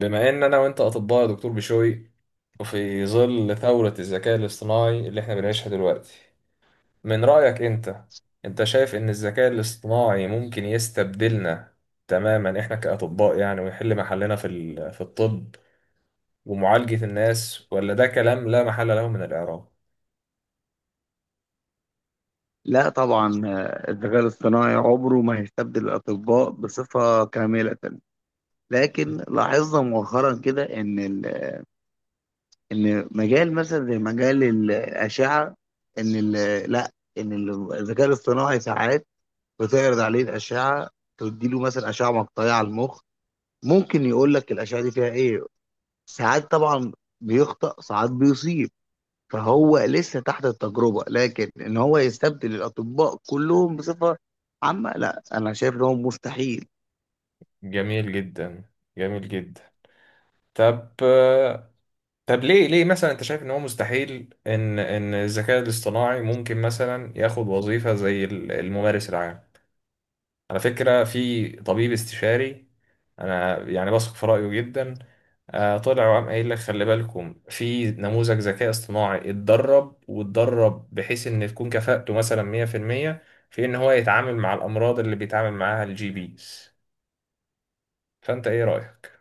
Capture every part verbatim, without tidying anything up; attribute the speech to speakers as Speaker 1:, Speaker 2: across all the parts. Speaker 1: بما ان انا وانت اطباء يا دكتور بشوي، وفي ظل ثورة الذكاء الاصطناعي اللي احنا بنعيشها دلوقتي، من رأيك انت، انت شايف ان الذكاء الاصطناعي ممكن يستبدلنا تماما احنا كأطباء؟ يعني ويحل محلنا في ال- في الطب ومعالجة الناس، ولا ده كلام لا محل له من الإعراب؟
Speaker 2: لا طبعا آه، الذكاء الاصطناعي عمره ما هيستبدل الأطباء بصفة كاملة. لكن لاحظنا مؤخرا كده إن ال- إن مجال مثلا زي مجال الأشعة، إن ال- لا إن ال- الذكاء الاصطناعي ساعات بتعرض عليه الأشعة، تديله مثلا أشعة مقطعية على المخ، ممكن يقول لك الأشعة دي فيها إيه. ساعات طبعا بيخطأ، ساعات بيصيب. فهو لسه تحت التجربة، لكن ان هو يستبدل الاطباء كلهم بصفة عامة، لا انا شايف ان هو مستحيل.
Speaker 1: جميل جدا، جميل جدا. طب، طب ليه ليه مثلا انت شايف ان هو مستحيل ان ان الذكاء الاصطناعي ممكن مثلا ياخد وظيفة زي ال- الممارس العام؟ على فكرة، في طبيب استشاري أنا يعني بثق في رأيه جدا، آه، طلع وقام قايل لك خلي بالكم في نموذج ذكاء اصطناعي اتدرب واتدرب بحيث إن تكون كفاءته مثلا مية في المية في إن هو يتعامل مع الأمراض اللي بيتعامل معاها الجي بيز. فأنت إيه رأيك؟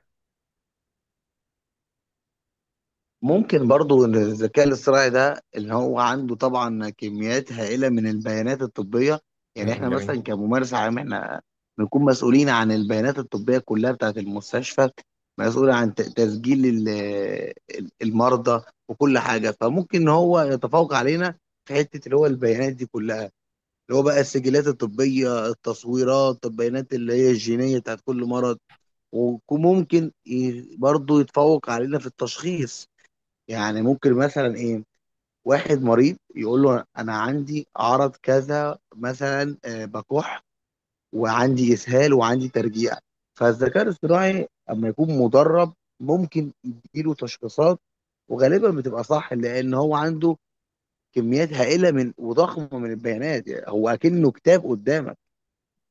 Speaker 2: ممكن برضو ان الذكاء الاصطناعي ده اللي هو عنده طبعا كميات هائلة من البيانات الطبية. يعني
Speaker 1: مم،
Speaker 2: احنا مثلا
Speaker 1: جميل.
Speaker 2: كممارس عام، احنا بنكون مسؤولين عن البيانات الطبية كلها بتاعت المستشفى، مسؤول عن ت- تسجيل ال- المرضى وكل حاجة. فممكن ان هو يتفوق علينا في حتة اللي هو البيانات دي كلها، اللي هو بقى السجلات الطبية، التصويرات، البيانات اللي هي الجينية بتاعت كل مرض. وممكن ي- برضه يتفوق علينا في التشخيص. يعني ممكن مثلا ايه، واحد مريض يقول له انا عندي عرض كذا، مثلا آه، بكح وعندي اسهال وعندي ترجيع. فالذكاء الاصطناعي اما يكون مدرب، ممكن يديله تشخيصات وغالبا بتبقى صح، لان هو عنده كميات هائله من وضخمه من البيانات. يعني هو اكنه كتاب قدامك.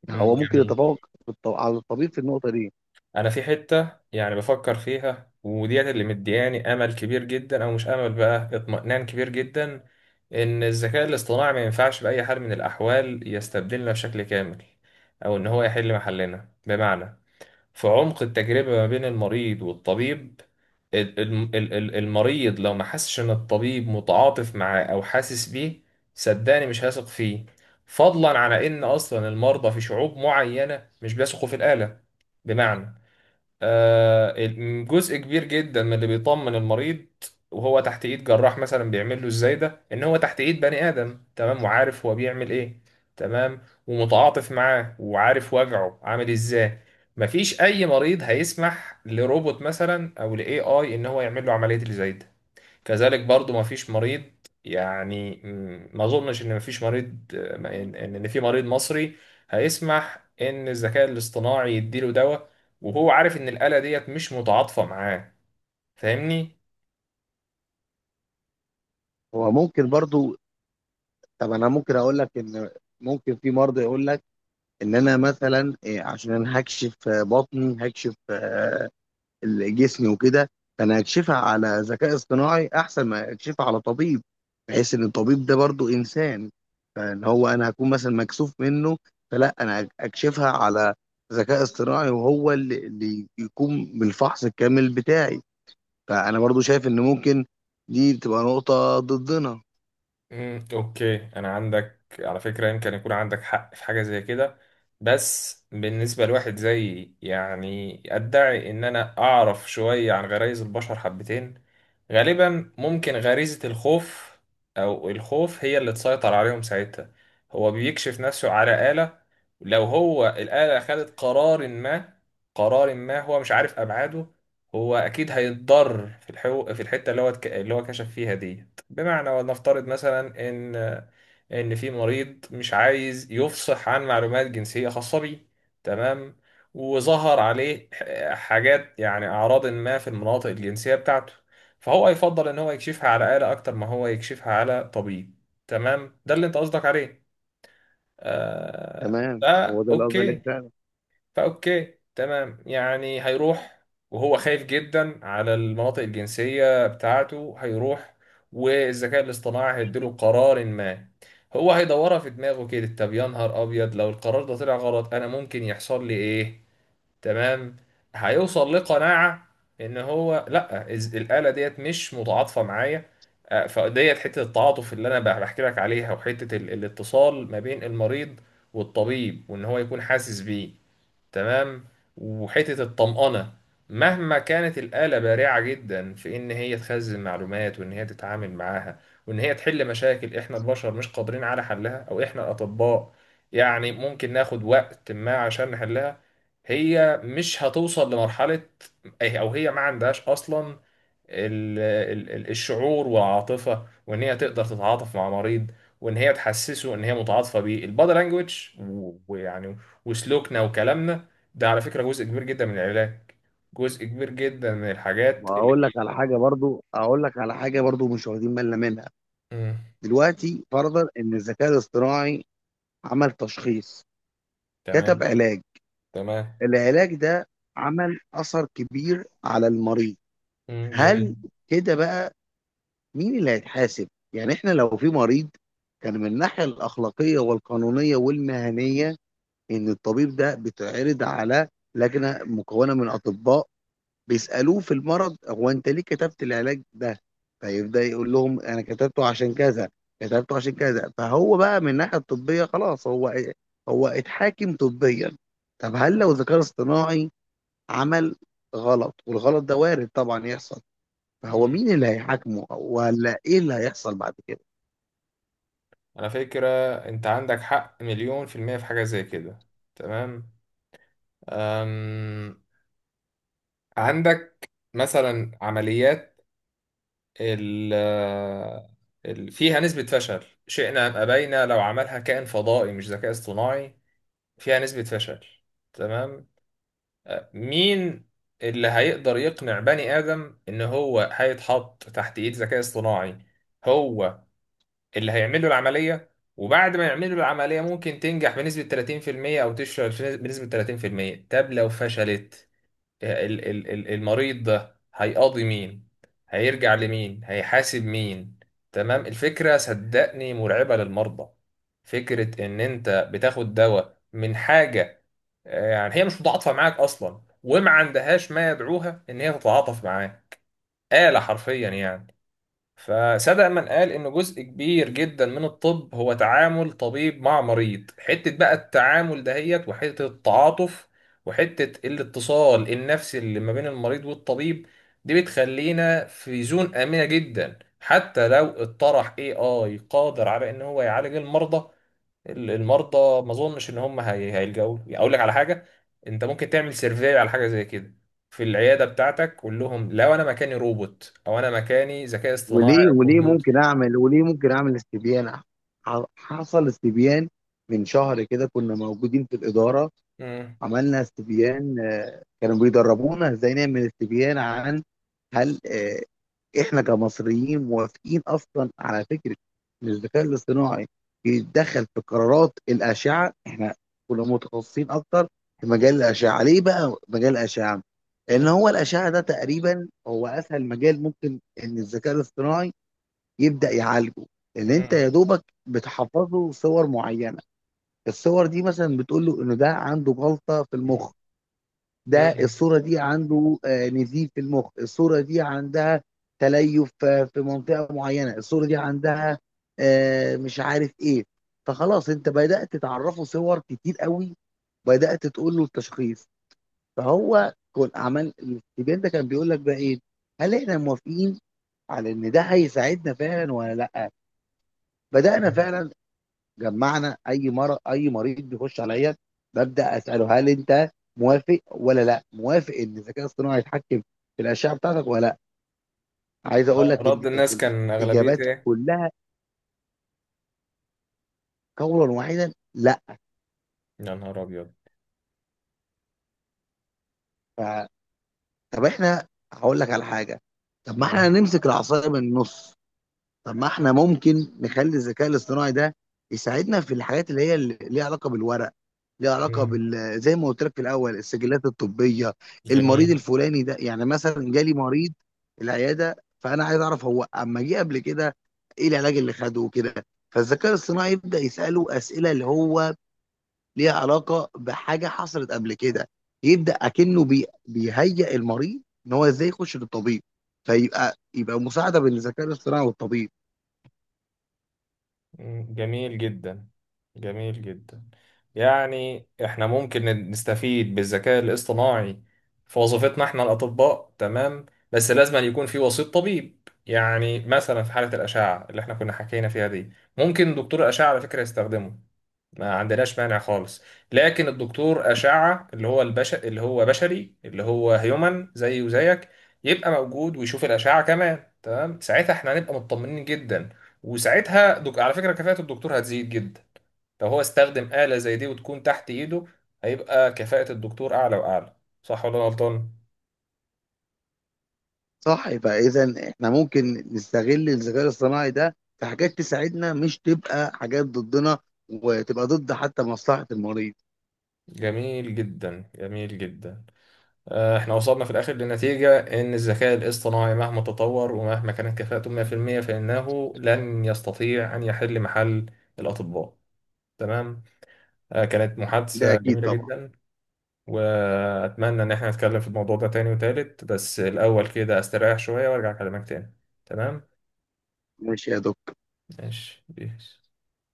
Speaker 2: نعم.
Speaker 1: مم،
Speaker 2: هو ممكن
Speaker 1: جميل.
Speaker 2: يتفوق في الط- على الطبيب في النقطه دي.
Speaker 1: انا في حته يعني بفكر فيها، وديت اللي مدياني امل كبير جدا، او مش امل بقى، اطمئنان كبير جدا، ان الذكاء الاصطناعي ما ينفعش باي حال من الاحوال يستبدلنا بشكل كامل، او ان هو يحل محلنا. بمعنى، في عمق التجربه ما بين المريض والطبيب، ال- ال- ال- ال- المريض لو ما حسش ان الطبيب متعاطف معاه او حاسس بيه، صدقني مش هيثق فيه. فضلا على ان اصلا المرضى في شعوب معينه مش بيثقوا في الاله. بمعنى، آه، ال- جزء كبير جدا من اللي بيطمن المريض وهو تحت ايد جراح مثلا بيعمل له ازاي ده، ان هو تحت ايد بني ادم، تمام، وعارف هو بيعمل ايه، تمام، ومتعاطف معاه، وعارف وجعه عامل ازاي. مفيش اي مريض هيسمح لروبوت مثلا او لاي اي ان هو يعمل له عمليه اللي زي ده. كذلك برضو ما فيش مريض، يعني م- ما اظنش ان ما فيش مريض ما- ان ان إن في مريض مصري هيسمح ان الذكاء الاصطناعي يديله دواء وهو عارف ان الآلة ديت مش متعاطفة معاه. فاهمني؟
Speaker 2: هو ممكن برضو. طب انا ممكن اقول لك ان ممكن في مرضى يقول لك ان انا مثلا إيه، عشان هكشف آه، بطني، هكشف آه، ال- جسمي وكده. فانا هكشفها على ذكاء اصطناعي احسن ما اكشفها على طبيب، بحيث ان الطبيب ده برضو انسان، فان هو انا هكون مثلا مكسوف منه. فلا، انا اكشفها على ذكاء اصطناعي وهو اللي اللي يقوم بالفحص الكامل بتاعي. فانا برضو شايف ان ممكن دي تبقى نقطة ضدنا.
Speaker 1: مم، اوكي. انا عندك على فكره، يمكن يكون عندك حق في حاجه زي كده، بس بالنسبه لواحد زي، يعني ادعي ان انا اعرف شويه عن غرائز البشر حبتين، غالبا ممكن غريزه الخوف، او الخوف هي اللي تسيطر عليهم ساعتها. هو بيكشف نفسه على آلة، لو هو الآلة خدت قرار ما، قرار ما هو مش عارف ابعاده، هو اكيد هيتضرر في الحو... في الحته اللي هو اتك- اللي هو كشف فيها دي. بمعنى، ولنفترض مثلا ان ان في مريض مش عايز يفصح عن معلومات جنسيه خاصه بيه، تمام، وظهر عليه ح- حاجات يعني اعراض ما في المناطق الجنسيه بتاعته، فهو يفضل ان هو يكشفها على آلة اكتر ما هو يكشفها على طبيب. تمام، ده اللي انت قصدك عليه؟ آه،
Speaker 2: تمام،
Speaker 1: ده
Speaker 2: هو ده اللي قصدي عليه
Speaker 1: اوكي.
Speaker 2: فعلا.
Speaker 1: فأوكي تمام، يعني هيروح، وهو خايف جدا على المناطق الجنسية بتاعته هيروح، والذكاء الاصطناعي هيديله قرار ما، هو هيدورها في دماغه كده، طب يا نهار أبيض، لو القرار ده طلع غلط أنا ممكن يحصل لي إيه؟ تمام. هيوصل لقناعة إن هو لأ، إز- الآلة ديت مش متعاطفة معايا. آه، فديت حتة التعاطف اللي أنا بح- بحكي لك عليها، وحتة ال- الاتصال ما بين المريض والطبيب، وإن هو يكون حاسس بيه، تمام، وحتة الطمأنة، مهما كانت الآلة بارعة جدا في إن هي تخزن معلومات وإن هي تتعامل معاها وإن هي تحل مشاكل إحنا البشر مش قادرين على حلها، أو إحنا الأطباء يعني ممكن ناخد وقت ما عشان نحلها، هي مش هتوصل لمرحلة، أو هي ما عندهاش أصلا ال- ال- ال- الشعور والعاطفة، وإن هي تقدر تتعاطف مع مريض، وإن هي تحسسه إن هي متعاطفة بيه، البادي لانجوج، ويعني وسلوكنا وكلامنا، ده على فكرة جزء كبير جدا من العلاج، جزء كبير جدا من
Speaker 2: طب
Speaker 1: الحاجات اللي
Speaker 2: هقول لك
Speaker 1: بي...
Speaker 2: على حاجة برضو، اقول لك على حاجة برضو مش واخدين بالنا منها.
Speaker 1: مم.
Speaker 2: دلوقتي فرضا ان الذكاء الاصطناعي عمل تشخيص،
Speaker 1: تمام.
Speaker 2: كتب علاج،
Speaker 1: تمام.
Speaker 2: العلاج ده عمل اثر كبير على المريض.
Speaker 1: مم،
Speaker 2: هل
Speaker 1: جميل.
Speaker 2: كده بقى مين اللي هيتحاسب؟ يعني احنا لو في مريض، كان من الناحية الأخلاقية والقانونية والمهنية ان الطبيب ده بيتعرض على لجنه مكونه من اطباء، بيسالوه في المرض، هو انت ليه كتبت العلاج ده؟ فيبدا يقول لهم انا كتبته عشان كذا، كتبته عشان كذا. فهو بقى من الناحيه الطبيه خلاص هو إيه؟ هو اتحاكم طبيا. طب هل لو ذكاء اصطناعي عمل غلط، والغلط ده وارد طبعا يحصل، فهو
Speaker 1: مم.
Speaker 2: مين اللي هيحاكمه، ولا ايه اللي هيحصل بعد كده؟
Speaker 1: على فكرة أنت عندك حق مليون في المية في حاجة زي كده. تمام. أم... عندك مثلا عمليات، ال ال- فيها نسبة فشل شئنا أم أبينا، لو عملها كائن فضائي مش ذكاء اصطناعي فيها نسبة فشل. تمام. أه، مين اللي هيقدر يقنع بني آدم إن هو هيتحط تحت إيد ذكاء اصطناعي هو اللي هيعمل له العملية؟ وبعد ما يعمل له العملية، ممكن تنجح بنسبة تلاتين في المية أو تفشل بنسبة تلاتين في المية. طب لو فشلت، ال- ال- ال- المريض ده هيقاضي مين؟ هيرجع لمين؟ هيحاسب مين؟ تمام. الفكرة صدقني مرعبة للمرضى، فكرة ان انت بتاخد دواء من حاجة، آه، يعني هي مش متعاطفة معاك اصلا، وما عندهاش ما يدعوها ان هي تتعاطف معاه، آلة حرفيا يعني. فصدق من قال إن جزء كبير جدا من الطب هو تعامل طبيب مع مريض، حتة بقى التعامل دهيت، وحتة التعاطف، وحتة الاتصال النفسي اللي ما بين المريض والطبيب، دي بتخلينا في زون آمنة جدا. حتى لو اطرح إيه آي قادر على إن هو يعالج المرضى، ال- المرضى ما اظنش ان هم هي- هيلجأوا له. يعني اقول لك على حاجه، انت ممكن تعمل سيرفي على حاجه زي كده في العياده بتاعتك، قول لهم لو انا مكاني روبوت، او انا مكاني ذكاء اصطناعي
Speaker 2: وليه
Speaker 1: او
Speaker 2: وليه
Speaker 1: كمبيوتر.
Speaker 2: ممكن اعمل وليه ممكن اعمل استبيان. ح- حصل استبيان من شهر كده، كنا موجودين في الإدارة.
Speaker 1: مم.
Speaker 2: عملنا استبيان، آه، كانوا بيدربونا ازاي نعمل استبيان عن هل آه، احنا كمصريين موافقين اصلا على فكرة ان الذكاء الاصطناعي يتدخل في قرارات الأشعة. احنا كنا متخصصين اكتر في مجال الأشعة. ليه بقى مجال الأشعة؟ لأن
Speaker 1: مم.
Speaker 2: هو الأشعة ده تقريبا هو أسهل مجال ممكن إن الذكاء الاصطناعي يبدأ يعالجه. لان انت
Speaker 1: مم.
Speaker 2: يا دوبك بتحفظ له صور معينه، الصور دي مثلا بتقول له انه ده عنده جلطه في المخ، ده
Speaker 1: مم.
Speaker 2: الصوره دي عنده آه، نزيف في المخ، الصوره دي عندها تليف آه، في منطقه معينه، الصوره دي عندها آه، مش عارف ايه. فخلاص انت بدأت تعرفه صور كتير قوي، بدأت تقول له التشخيص. فهو كان عمل الاستبيان ده كان بيقول لك بقى ايه، هل احنا موافقين على ان ده هيساعدنا فعلا ولا لا. بدأنا فعلا، جمعنا اي مر اي مريض بيخش عليا، ببدا اساله هل انت موافق ولا لا موافق ان الذكاء الاصطناعي يتحكم في الاشعه بتاعتك ولا لا. عايز اقول
Speaker 1: آه،
Speaker 2: لك ان
Speaker 1: رد
Speaker 2: كانت
Speaker 1: الناس كان
Speaker 2: الاجابات
Speaker 1: اغلبيته ايه؟
Speaker 2: كلها قولا واحدا لا.
Speaker 1: يا نهار ابيض.
Speaker 2: ف... طب احنا هقول لك على حاجه. طب ما احنا
Speaker 1: مم.
Speaker 2: نمسك العصايه من النص. طب ما احنا ممكن نخلي الذكاء الاصطناعي ده يساعدنا في الحاجات اللي هي اللي ليها علاقه بالورق، ليها علاقه
Speaker 1: مم،
Speaker 2: بال، زي ما قلت لك في الاول، السجلات الطبيه.
Speaker 1: جميل.
Speaker 2: المريض الفلاني ده، يعني مثلا جالي مريض العياده، فانا عايز اعرف هو اما جه قبل كده ايه العلاج اللي خده وكده. فالذكاء الاصطناعي يبدا يساله اسئله اللي هو ليها علاقه بحاجه حصلت قبل كده، يبدا اكنه بي... بيهيئ المريض ان هو ازاي يخش للطبيب. فيبقى يبقى مساعده بين الذكاء الاصطناعي والطبيب.
Speaker 1: مم، جميل جدا، جميل جدا. يعني احنا ممكن نستفيد بالذكاء الاصطناعي في وظيفتنا احنا الأطباء، تمام، بس لازم أن يكون في وسيط طبيب. يعني مثلا في حالة الأشعة اللي احنا كنا حكينا فيها دي، ممكن دكتور الأشعة على فكرة يستخدمه، ما عندناش مانع خالص، لكن الدكتور أشعة اللي هو البش، اللي هو بشري، اللي هو هيومن زي وزيك، يبقى موجود ويشوف الأشعة كمان، تمام، ساعتها احنا هنبقى مطمنين جدا. وساعتها دك... على فكرة كفاءة الدكتور هتزيد جدا لو هو استخدم آلة زي دي وتكون تحت إيده، هيبقى كفاءة الدكتور أعلى وأعلى. صح ولا أنا غلطان؟
Speaker 2: صح، يبقى اذا احنا ممكن نستغل الذكاء الاصطناعي ده في حاجات تساعدنا، مش تبقى حاجات ضدنا وتبقى ضد حتى مصلحة المريض.
Speaker 1: جميل جدا، جميل جدا. آه، احنا وصلنا في الاخر لنتيجة ان الذكاء الاصطناعي مهما تطور ومهما كانت كفاءته مية في المية، فانه لن يستطيع ان يحل محل الاطباء. تمام. آه، كانت
Speaker 2: ده
Speaker 1: محادثة
Speaker 2: اكيد
Speaker 1: جميلة
Speaker 2: طبعا.
Speaker 1: جدا، واتمنى ان احنا نتكلم في الموضوع ده تاني وتالت، بس الاول كده استريح شوية وارجع اكلمك تاني. تمام.
Speaker 2: ماشي يا دكتور.
Speaker 1: ماشي بيس.